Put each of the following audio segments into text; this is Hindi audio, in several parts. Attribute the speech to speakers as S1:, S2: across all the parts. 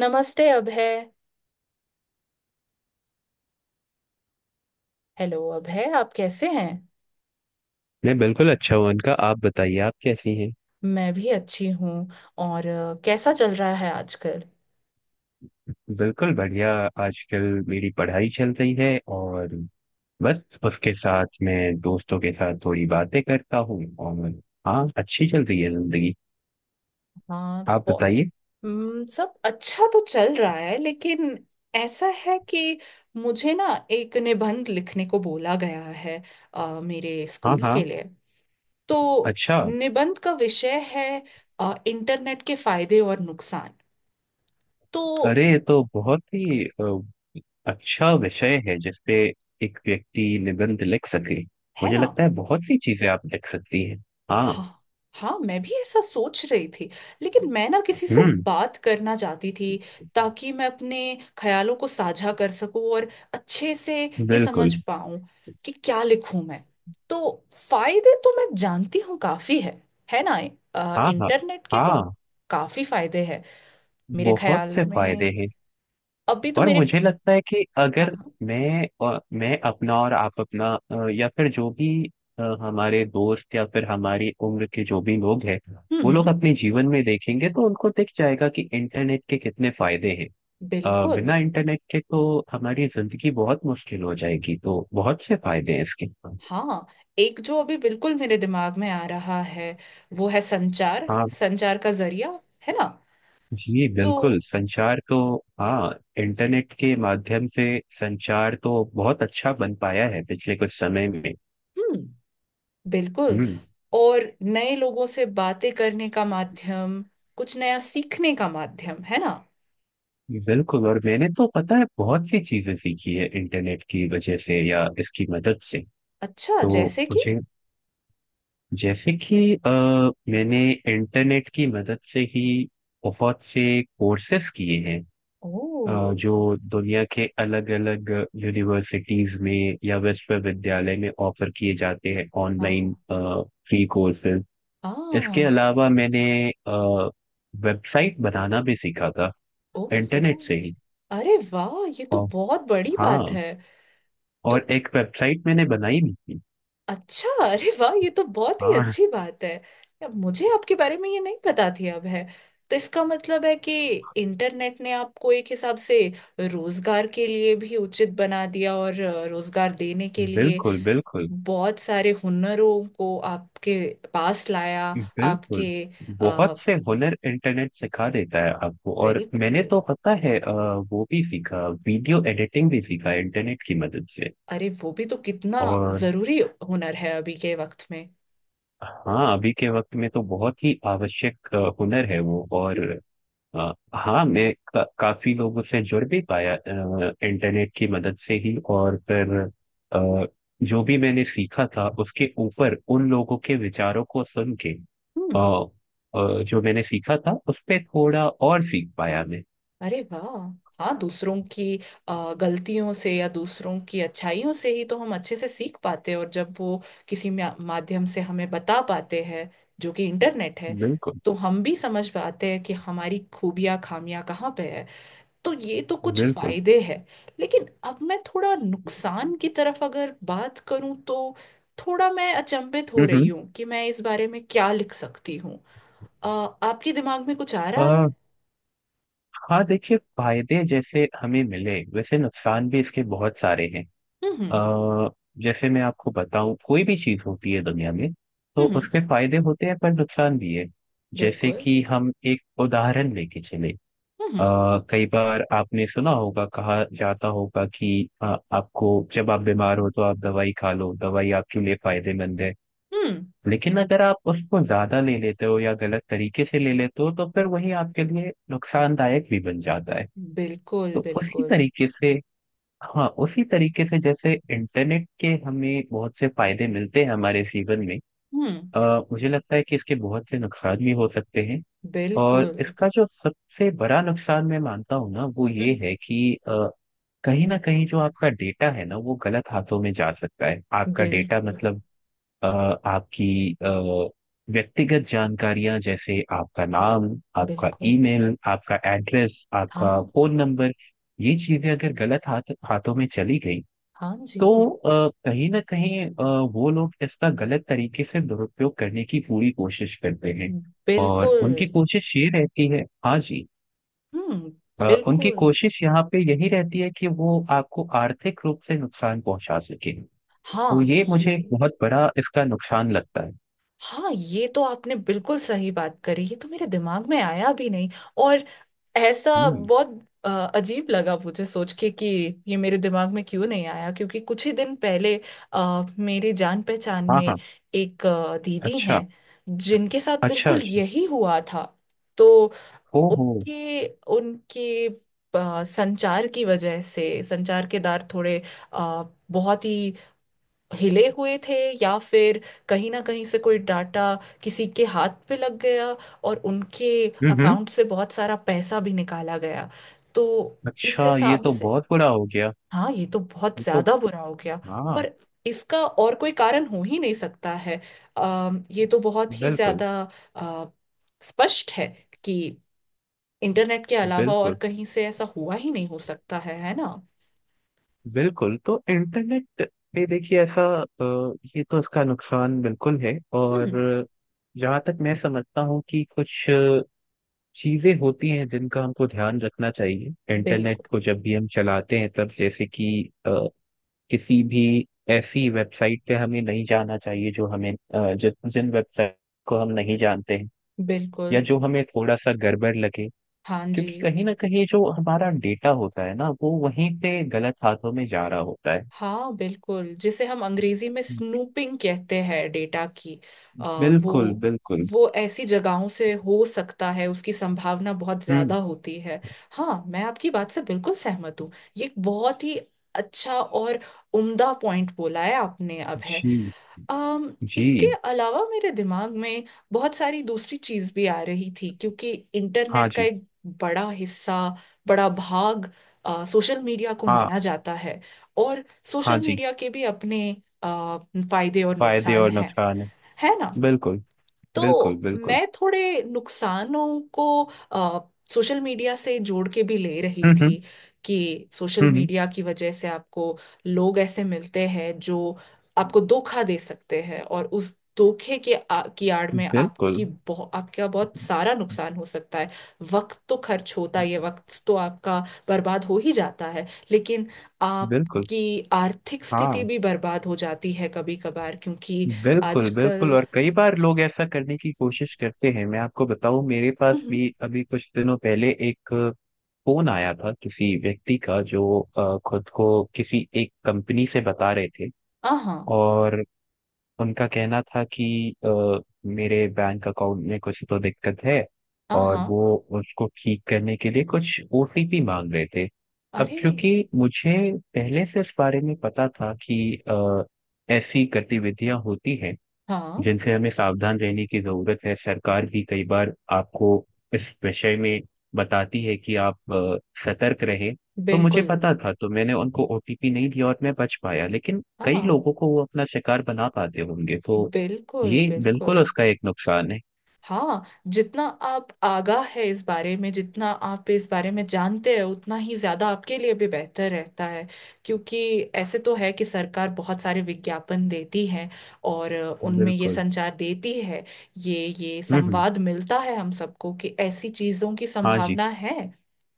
S1: नमस्ते अभय। हेलो अभय, आप कैसे हैं।
S2: मैं बिल्कुल अच्छा हूँ अनका। आप बताइए, आप कैसी हैं?
S1: मैं भी अच्छी हूँ। और कैसा चल रहा है आजकल।
S2: बिल्कुल बढ़िया। आजकल मेरी पढ़ाई चल रही है और बस उसके साथ मैं दोस्तों के साथ थोड़ी बातें करता हूँ। और हाँ, अच्छी चल रही है जिंदगी।
S1: हाँ,
S2: आप बताइए।
S1: सब अच्छा तो चल रहा है, लेकिन ऐसा है कि मुझे ना एक निबंध लिखने को बोला गया है, मेरे
S2: हाँ
S1: स्कूल के
S2: हाँ।
S1: लिए। तो
S2: अच्छा।
S1: निबंध का विषय है इंटरनेट के फायदे और नुकसान। तो,
S2: अरे ये तो बहुत ही अच्छा विषय है जिसपे एक व्यक्ति निबंध लिख सके।
S1: है
S2: मुझे
S1: ना।
S2: लगता है बहुत सी चीजें आप लिख सकती हैं। हाँ।
S1: हाँ, हाँ, मैं भी ऐसा सोच रही थी, लेकिन मैं ना किसी से
S2: हम्म।
S1: बात करना चाहती थी, ताकि मैं अपने ख्यालों को साझा कर सकूं और अच्छे से ये
S2: बिल्कुल।
S1: समझ पाऊं कि क्या लिखूं मैं। तो फायदे तो मैं जानती हूँ, काफी है। है ना।
S2: हाँ हाँ।
S1: इंटरनेट के तो
S2: हाँ,
S1: काफी फायदे हैं मेरे
S2: बहुत
S1: ख्याल
S2: से
S1: में।
S2: फायदे हैं।
S1: अभी तो
S2: और
S1: मेरे,
S2: मुझे लगता है कि
S1: हाँ,
S2: अगर
S1: हाँ,
S2: मैं अपना और आप अपना या फिर जो भी हमारे दोस्त या फिर हमारी उम्र के जो भी लोग हैं,
S1: हम्म,
S2: वो
S1: हम्म,
S2: लोग अपने जीवन में देखेंगे तो उनको दिख जाएगा कि इंटरनेट के कितने फायदे हैं।
S1: बिल्कुल,
S2: बिना इंटरनेट के तो हमारी जिंदगी बहुत मुश्किल हो जाएगी, तो बहुत से फायदे हैं इसके।
S1: हाँ, एक जो अभी बिल्कुल मेरे दिमाग में आ रहा है, वो है संचार,
S2: हाँ
S1: संचार का जरिया। है ना।
S2: जी,
S1: तो,
S2: बिल्कुल। संचार तो हाँ, इंटरनेट के माध्यम से संचार तो बहुत अच्छा बन पाया है पिछले कुछ समय में।
S1: हम्म, बिल्कुल,
S2: हम्म।
S1: और नए लोगों से बातें करने का माध्यम, कुछ नया सीखने का माध्यम। है ना।
S2: बिल्कुल, और मैंने तो पता है बहुत सी चीजें सीखी है इंटरनेट की वजह से या इसकी मदद से।
S1: अच्छा,
S2: तो
S1: जैसे कि,
S2: मुझे जैसे कि मैंने इंटरनेट की मदद से ही बहुत से कोर्सेस किए हैं,
S1: ओ,
S2: जो दुनिया के अलग अलग यूनिवर्सिटीज में या विश्वविद्यालय में ऑफर किए जाते हैं,
S1: हाँ,
S2: ऑनलाइन फ्री कोर्सेज। इसके
S1: हाँ,
S2: अलावा मैंने वेबसाइट बनाना भी सीखा था,
S1: ओफो,
S2: इंटरनेट से ही।
S1: अरे वाह, ये तो
S2: और
S1: बहुत बड़ी बात
S2: हाँ,
S1: है। तो
S2: और एक वेबसाइट मैंने बनाई भी थी।
S1: अच्छा, अरे वाह, ये तो बहुत ही
S2: हाँ।
S1: अच्छी बात है। या मुझे आपके बारे में ये नहीं पता थी, अब है। तो इसका मतलब है कि इंटरनेट ने आपको एक हिसाब से रोजगार के लिए भी उचित बना दिया और रोजगार देने के लिए
S2: बिल्कुल बिल्कुल।
S1: बहुत सारे हुनरों को आपके पास लाया।
S2: बिल्कुल,
S1: आपके, आ,
S2: बहुत से हुनर इंटरनेट सिखा देता है आपको। और मैंने
S1: बिल्कुल,
S2: तो पता है वो भी सीखा, वीडियो एडिटिंग भी सीखा इंटरनेट की मदद से।
S1: अरे वो भी तो कितना
S2: और
S1: जरूरी हुनर है अभी के वक्त में।
S2: हाँ, अभी के वक्त में तो बहुत ही आवश्यक हुनर है वो। और
S1: हम्म,
S2: हाँ, मैं काफी लोगों से जुड़ भी पाया इंटरनेट की मदद से ही। और फिर अ, जो भी मैंने सीखा था उसके ऊपर उन लोगों के विचारों को सुन के
S1: हम्म।
S2: जो मैंने सीखा था उस पे थोड़ा और सीख पाया मैं।
S1: अरे वाह। हाँ, दूसरों की गलतियों से या दूसरों की अच्छाइयों से ही तो हम अच्छे से सीख पाते हैं। और जब वो किसी माध्यम से हमें बता पाते हैं, जो कि इंटरनेट है,
S2: बिल्कुल।
S1: तो हम भी समझ पाते हैं कि हमारी खूबियां खामियां कहाँ पे है। तो ये तो कुछ
S2: बिल्कुल।
S1: फायदे हैं। लेकिन अब मैं थोड़ा नुकसान की तरफ अगर बात करूं, तो थोड़ा मैं अचंभित हो रही
S2: हम्म।
S1: हूँ कि मैं इस बारे में क्या लिख सकती हूँ। अ, आपके दिमाग में कुछ आ रहा
S2: अ,
S1: है।
S2: हाँ देखिए, फायदे जैसे हमें मिले वैसे नुकसान भी इसके बहुत सारे हैं।
S1: हम्म, हम्म,
S2: अ, जैसे मैं आपको बताऊं, कोई भी चीज होती है दुनिया में तो
S1: हम्म।
S2: उसके फायदे होते हैं पर नुकसान भी है। जैसे
S1: बिल्कुल।
S2: कि हम एक उदाहरण लेके चले,
S1: हम्म,
S2: आ, कई बार आपने सुना होगा, कहा जाता होगा कि अ, आपको जब आप बीमार हो तो आप दवाई खा लो, दवाई आपके लिए फायदेमंद है।
S1: हम्म।
S2: लेकिन अगर आप उसको ज्यादा ले लेते हो या गलत तरीके से ले लेते हो तो फिर वही आपके लिए नुकसानदायक भी बन जाता है।
S1: बिल्कुल,
S2: तो उसी
S1: बिल्कुल।
S2: तरीके से, हाँ उसी तरीके से जैसे इंटरनेट के हमें बहुत से फायदे मिलते हैं हमारे जीवन में,
S1: हम्म।
S2: आ, मुझे लगता है कि इसके बहुत से नुकसान भी हो सकते हैं। और
S1: बिल्कुल।
S2: इसका जो सबसे बड़ा नुकसान मैं मानता हूँ ना, वो ये
S1: हम्म,
S2: है कि कहीं ना कहीं जो आपका डेटा है ना, वो गलत हाथों में जा सकता है। आपका डेटा
S1: बिल्कुल,
S2: मतलब अ, आपकी व्यक्तिगत जानकारियां, जैसे आपका नाम, आपका
S1: बिल्कुल।
S2: ईमेल, आपका एड्रेस, आपका
S1: हाँ।
S2: Phone number. ये चीजें अगर गलत हाथों में चली गई
S1: हाँ जी।
S2: तो कहीं ना कहीं वो लोग इसका गलत तरीके से दुरुपयोग करने की पूरी कोशिश करते हैं। और
S1: बिल्कुल।
S2: उनकी कोशिश ये रहती है, हाँ जी,
S1: हम्म,
S2: उनकी
S1: बिल्कुल।
S2: कोशिश यहाँ पे यही रहती है कि वो आपको आर्थिक रूप से नुकसान पहुंचा सके। तो
S1: हाँ,
S2: ये मुझे एक
S1: ये,
S2: बहुत बड़ा इसका नुकसान लगता है।
S1: हाँ ये तो आपने बिल्कुल सही बात करी, ये तो मेरे दिमाग में आया भी नहीं। और ऐसा
S2: हम्म।
S1: बहुत अ, अजीब लगा मुझे सोच के कि ये मेरे दिमाग में क्यों नहीं आया, क्योंकि कुछ ही दिन पहले मेरे जान पहचान
S2: हाँ
S1: में
S2: हाँ।
S1: एक दीदी
S2: अच्छा
S1: हैं, जिनके साथ
S2: अच्छा।
S1: बिल्कुल
S2: अच्छा।
S1: यही हुआ था। तो
S2: ओहो।
S1: उनके उनके संचार की वजह से, संचार के दार थोड़े, अ, बहुत ही हिले हुए थे, या फिर कहीं ना कहीं से कोई डाटा किसी के हाथ पे लग गया, और उनके
S2: हम्म।
S1: अकाउंट से बहुत सारा पैसा भी निकाला गया। तो इस
S2: अच्छा, ये
S1: हिसाब
S2: तो
S1: से,
S2: बहुत बुरा हो गया।
S1: हाँ ये तो बहुत
S2: ये तो,
S1: ज्यादा बुरा हो गया।
S2: हाँ।
S1: और इसका और कोई कारण हो ही नहीं सकता है। ये तो बहुत ही
S2: बिल्कुल।
S1: ज्यादा अ, स्पष्ट है कि इंटरनेट के अलावा और
S2: बिल्कुल
S1: कहीं से ऐसा हुआ ही नहीं हो सकता है। है ना।
S2: बिल्कुल, तो इंटरनेट पे देखिए ऐसा ये तो इसका नुकसान बिल्कुल है। और
S1: हम्म।
S2: जहाँ तक मैं समझता हूँ कि कुछ चीजें होती हैं जिनका हमको ध्यान रखना चाहिए इंटरनेट
S1: बिल्कुल,
S2: को जब भी हम चलाते हैं तब, जैसे कि अ, किसी भी ऐसी वेबसाइट पे हमें नहीं जाना चाहिए जो हमें अ, जिस जिन वेबसाइट को हम नहीं जानते हैं,
S1: बिल्कुल।
S2: या जो हमें थोड़ा सा गड़बड़ लगे।
S1: हाँ जी।
S2: क्योंकि कहीं ना कहीं जो हमारा डेटा होता है ना, वो वहीं पे गलत हाथों में जा रहा होता है।
S1: हाँ, बिल्कुल, जिसे हम अंग्रेजी में स्नूपिंग कहते हैं, डेटा की आ,
S2: बिल्कुल
S1: वो
S2: बिल्कुल।
S1: वो ऐसी जगहों से हो सकता है, उसकी संभावना बहुत ज्यादा
S2: हम्म।
S1: होती है। हाँ, मैं आपकी बात से बिल्कुल सहमत हूँ। ये एक बहुत ही अच्छा और उम्दा पॉइंट बोला है आपने अब।
S2: जी।
S1: अम इसके
S2: जी।
S1: अलावा मेरे दिमाग में बहुत सारी दूसरी चीज भी आ रही थी, क्योंकि
S2: हाँ
S1: इंटरनेट का
S2: जी।
S1: एक बड़ा हिस्सा, बड़ा भाग सोशल मीडिया को
S2: हाँ।
S1: माना जाता है। और
S2: हाँ
S1: सोशल
S2: जी,
S1: मीडिया के भी अपने अ, फायदे और
S2: फायदे
S1: नुकसान
S2: और
S1: हैं।
S2: नुकसान
S1: है ना।
S2: है। बिल्कुल। बिल्कुल
S1: तो
S2: बिल्कुल।
S1: मैं थोड़े नुकसानों को सोशल मीडिया से जोड़ के भी ले रही
S2: हम्म।
S1: थी, कि सोशल
S2: हम्म।
S1: मीडिया की वजह से आपको लोग ऐसे मिलते हैं, जो आपको धोखा दे सकते हैं, और उस धोखे के, की आड़ में
S2: बिल्कुल।
S1: आपकी आपका बहुत सारा नुकसान हो सकता है। वक्त तो खर्च होता ही है, वक्त तो आपका बर्बाद हो ही जाता है, लेकिन
S2: बिल्कुल।
S1: आपकी आर्थिक स्थिति
S2: हाँ,
S1: भी बर्बाद हो जाती है कभी कभार, क्योंकि
S2: बिल्कुल बिल्कुल।
S1: आजकल,
S2: और कई बार लोग ऐसा करने की कोशिश करते हैं। मैं आपको बताऊं, मेरे पास भी अभी कुछ दिनों पहले एक फोन आया था किसी व्यक्ति का, जो खुद को किसी एक कंपनी से बता रहे थे।
S1: हाँ,
S2: और उनका कहना था कि अ, मेरे बैंक अकाउंट में कुछ तो दिक्कत है और
S1: हाँ,
S2: वो उसको ठीक करने के लिए कुछ ओटीपी मांग रहे थे। अब
S1: अरे,
S2: क्योंकि मुझे पहले से इस बारे में पता था कि ऐसी गतिविधियां होती हैं
S1: हाँ
S2: जिनसे हमें सावधान रहने की जरूरत है। सरकार भी कई बार आपको इस विषय में बताती है कि आप सतर्क रहें। तो मुझे
S1: बिल्कुल,
S2: पता था, तो मैंने उनको ओटीपी नहीं दिया और मैं बच पाया। लेकिन कई
S1: हाँ
S2: लोगों को वो अपना शिकार बना पाते होंगे, तो
S1: बिल्कुल,
S2: ये बिल्कुल
S1: बिल्कुल,
S2: उसका एक नुकसान है।
S1: हाँ, जितना आप आगाह है इस बारे में, जितना आप इस बारे में जानते हैं, उतना ही ज्यादा आपके लिए भी बेहतर रहता है। क्योंकि ऐसे तो है कि सरकार बहुत सारे विज्ञापन देती है, और उनमें ये
S2: बिल्कुल।
S1: संचार देती है। ये
S2: हम्म।
S1: संवाद मिलता है हम सबको कि ऐसी चीजों की
S2: हाँ जी।
S1: संभावना है।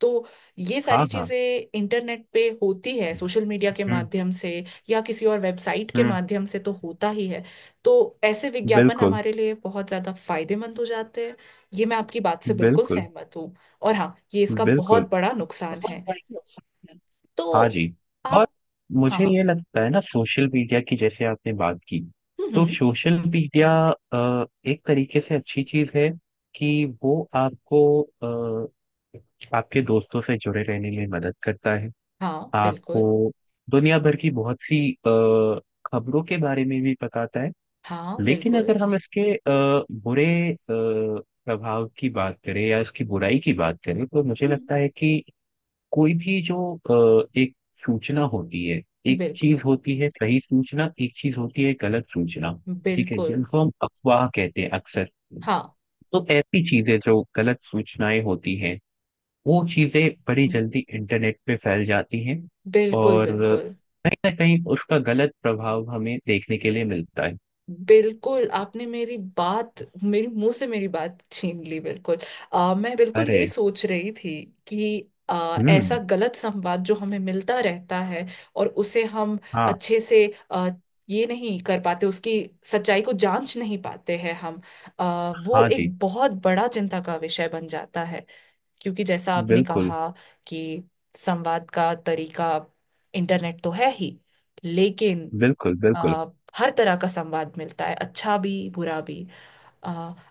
S1: तो ये सारी
S2: हाँ हाँ।
S1: चीजें इंटरनेट पे होती है, सोशल मीडिया के
S2: हम्म
S1: माध्यम से या किसी और वेबसाइट के
S2: हम्म।
S1: माध्यम से तो होता ही है। तो ऐसे विज्ञापन
S2: बिल्कुल।
S1: हमारे लिए बहुत ज्यादा फायदेमंद हो जाते हैं। ये मैं आपकी बात से बिल्कुल
S2: बिल्कुल
S1: सहमत हूँ। और हाँ, ये इसका बहुत बड़ा नुकसान है।
S2: बिल्कुल। हाँ
S1: तो
S2: जी। और
S1: आप, हाँ,
S2: मुझे
S1: हाँ,
S2: ये लगता है ना, सोशल मीडिया की जैसे आपने बात की,
S1: हम्म,
S2: तो सोशल मीडिया एक तरीके से अच्छी चीज है कि वो आपको आपके दोस्तों से जुड़े रहने में मदद करता है।
S1: हाँ,
S2: आपको
S1: बिल्कुल,
S2: दुनिया भर की बहुत सी खबरों के बारे में भी बताता है।
S1: हाँ,
S2: लेकिन
S1: बिल्कुल,
S2: अगर हम इसके बुरे अ, प्रभाव की बात करें या इसकी बुराई की बात करें तो मुझे
S1: हम्म,
S2: लगता है कि कोई भी जो एक सूचना होती है, एक
S1: बिल्कुल,
S2: चीज होती है सही सूचना, एक चीज होती है गलत सूचना। ठीक है,
S1: बिल्कुल,
S2: जिनको हम अफवाह कहते हैं अक्सर।
S1: हाँ,
S2: तो ऐसी चीजें जो गलत सूचनाएं होती हैं, वो चीजें बड़ी जल्दी इंटरनेट पे फैल जाती हैं।
S1: बिल्कुल,
S2: और
S1: बिल्कुल,
S2: कहीं ना कहीं उसका गलत प्रभाव हमें देखने के लिए मिलता है।
S1: बिल्कुल आपने मेरी बात, मेरी मुंह से मेरी बात छीन ली, बिल्कुल। मैं बिल्कुल यही
S2: अरे।
S1: सोच रही थी, कि ऐसा
S2: हम्म।
S1: गलत संवाद जो हमें मिलता रहता है, और उसे हम
S2: हाँ।
S1: अच्छे से आ, ये नहीं कर पाते, उसकी सच्चाई को जांच नहीं पाते हैं हम। वो
S2: हाँ जी।
S1: एक बहुत बड़ा चिंता का विषय बन जाता है, क्योंकि जैसा आपने
S2: बिल्कुल
S1: कहा कि संवाद का तरीका इंटरनेट तो है ही, लेकिन
S2: बिल्कुल।
S1: अ,
S2: बिल्कुल।
S1: हर तरह का संवाद मिलता है, अच्छा भी, बुरा भी। अ,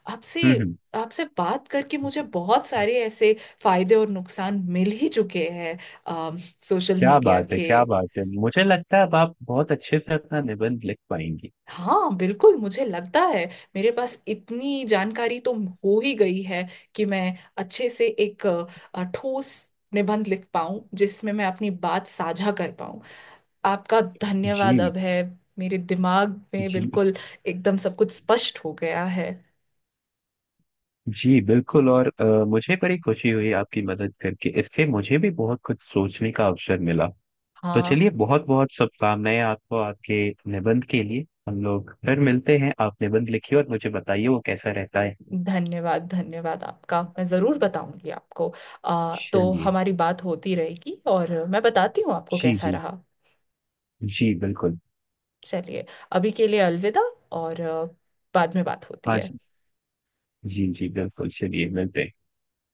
S1: आपसे
S2: हम्म।
S1: आपसे बात करके मुझे बहुत सारे ऐसे फायदे और नुकसान मिल ही चुके हैं, अ, सोशल
S2: क्या
S1: मीडिया
S2: बात है,
S1: के।
S2: क्या बात है। मुझे लगता है अब आप बहुत अच्छे से अपना निबंध लिख पाएंगी।
S1: हाँ, बिल्कुल, मुझे लगता है मेरे पास इतनी जानकारी तो हो ही गई है कि मैं अच्छे से एक ठोस निबंध लिख पाऊं, जिसमें मैं अपनी बात साझा कर पाऊं। आपका धन्यवाद
S2: जी।
S1: अब है। मेरे दिमाग में
S2: जी।
S1: बिल्कुल एकदम सब कुछ स्पष्ट हो गया है।
S2: जी बिल्कुल, और मुझे बड़ी खुशी हुई आपकी मदद करके। इससे मुझे भी बहुत कुछ सोचने का अवसर मिला। तो
S1: हाँ,
S2: चलिए, बहुत बहुत शुभकामनाएं आपको आपके निबंध के लिए। हम लोग फिर मिलते हैं, आप निबंध लिखिए और मुझे बताइए वो कैसा रहता है।
S1: धन्यवाद, धन्यवाद आपका, मैं ज़रूर बताऊंगी आपको। तो
S2: चलिए।
S1: हमारी बात होती रहेगी, और मैं बताती हूँ आपको
S2: जी
S1: कैसा
S2: जी।
S1: रहा।
S2: जी बिल्कुल।
S1: चलिए, अभी के लिए अलविदा, और बाद में बात होती
S2: हाँ
S1: है।
S2: जी। जी जी बिल्कुल, चलिए मिलते हैं।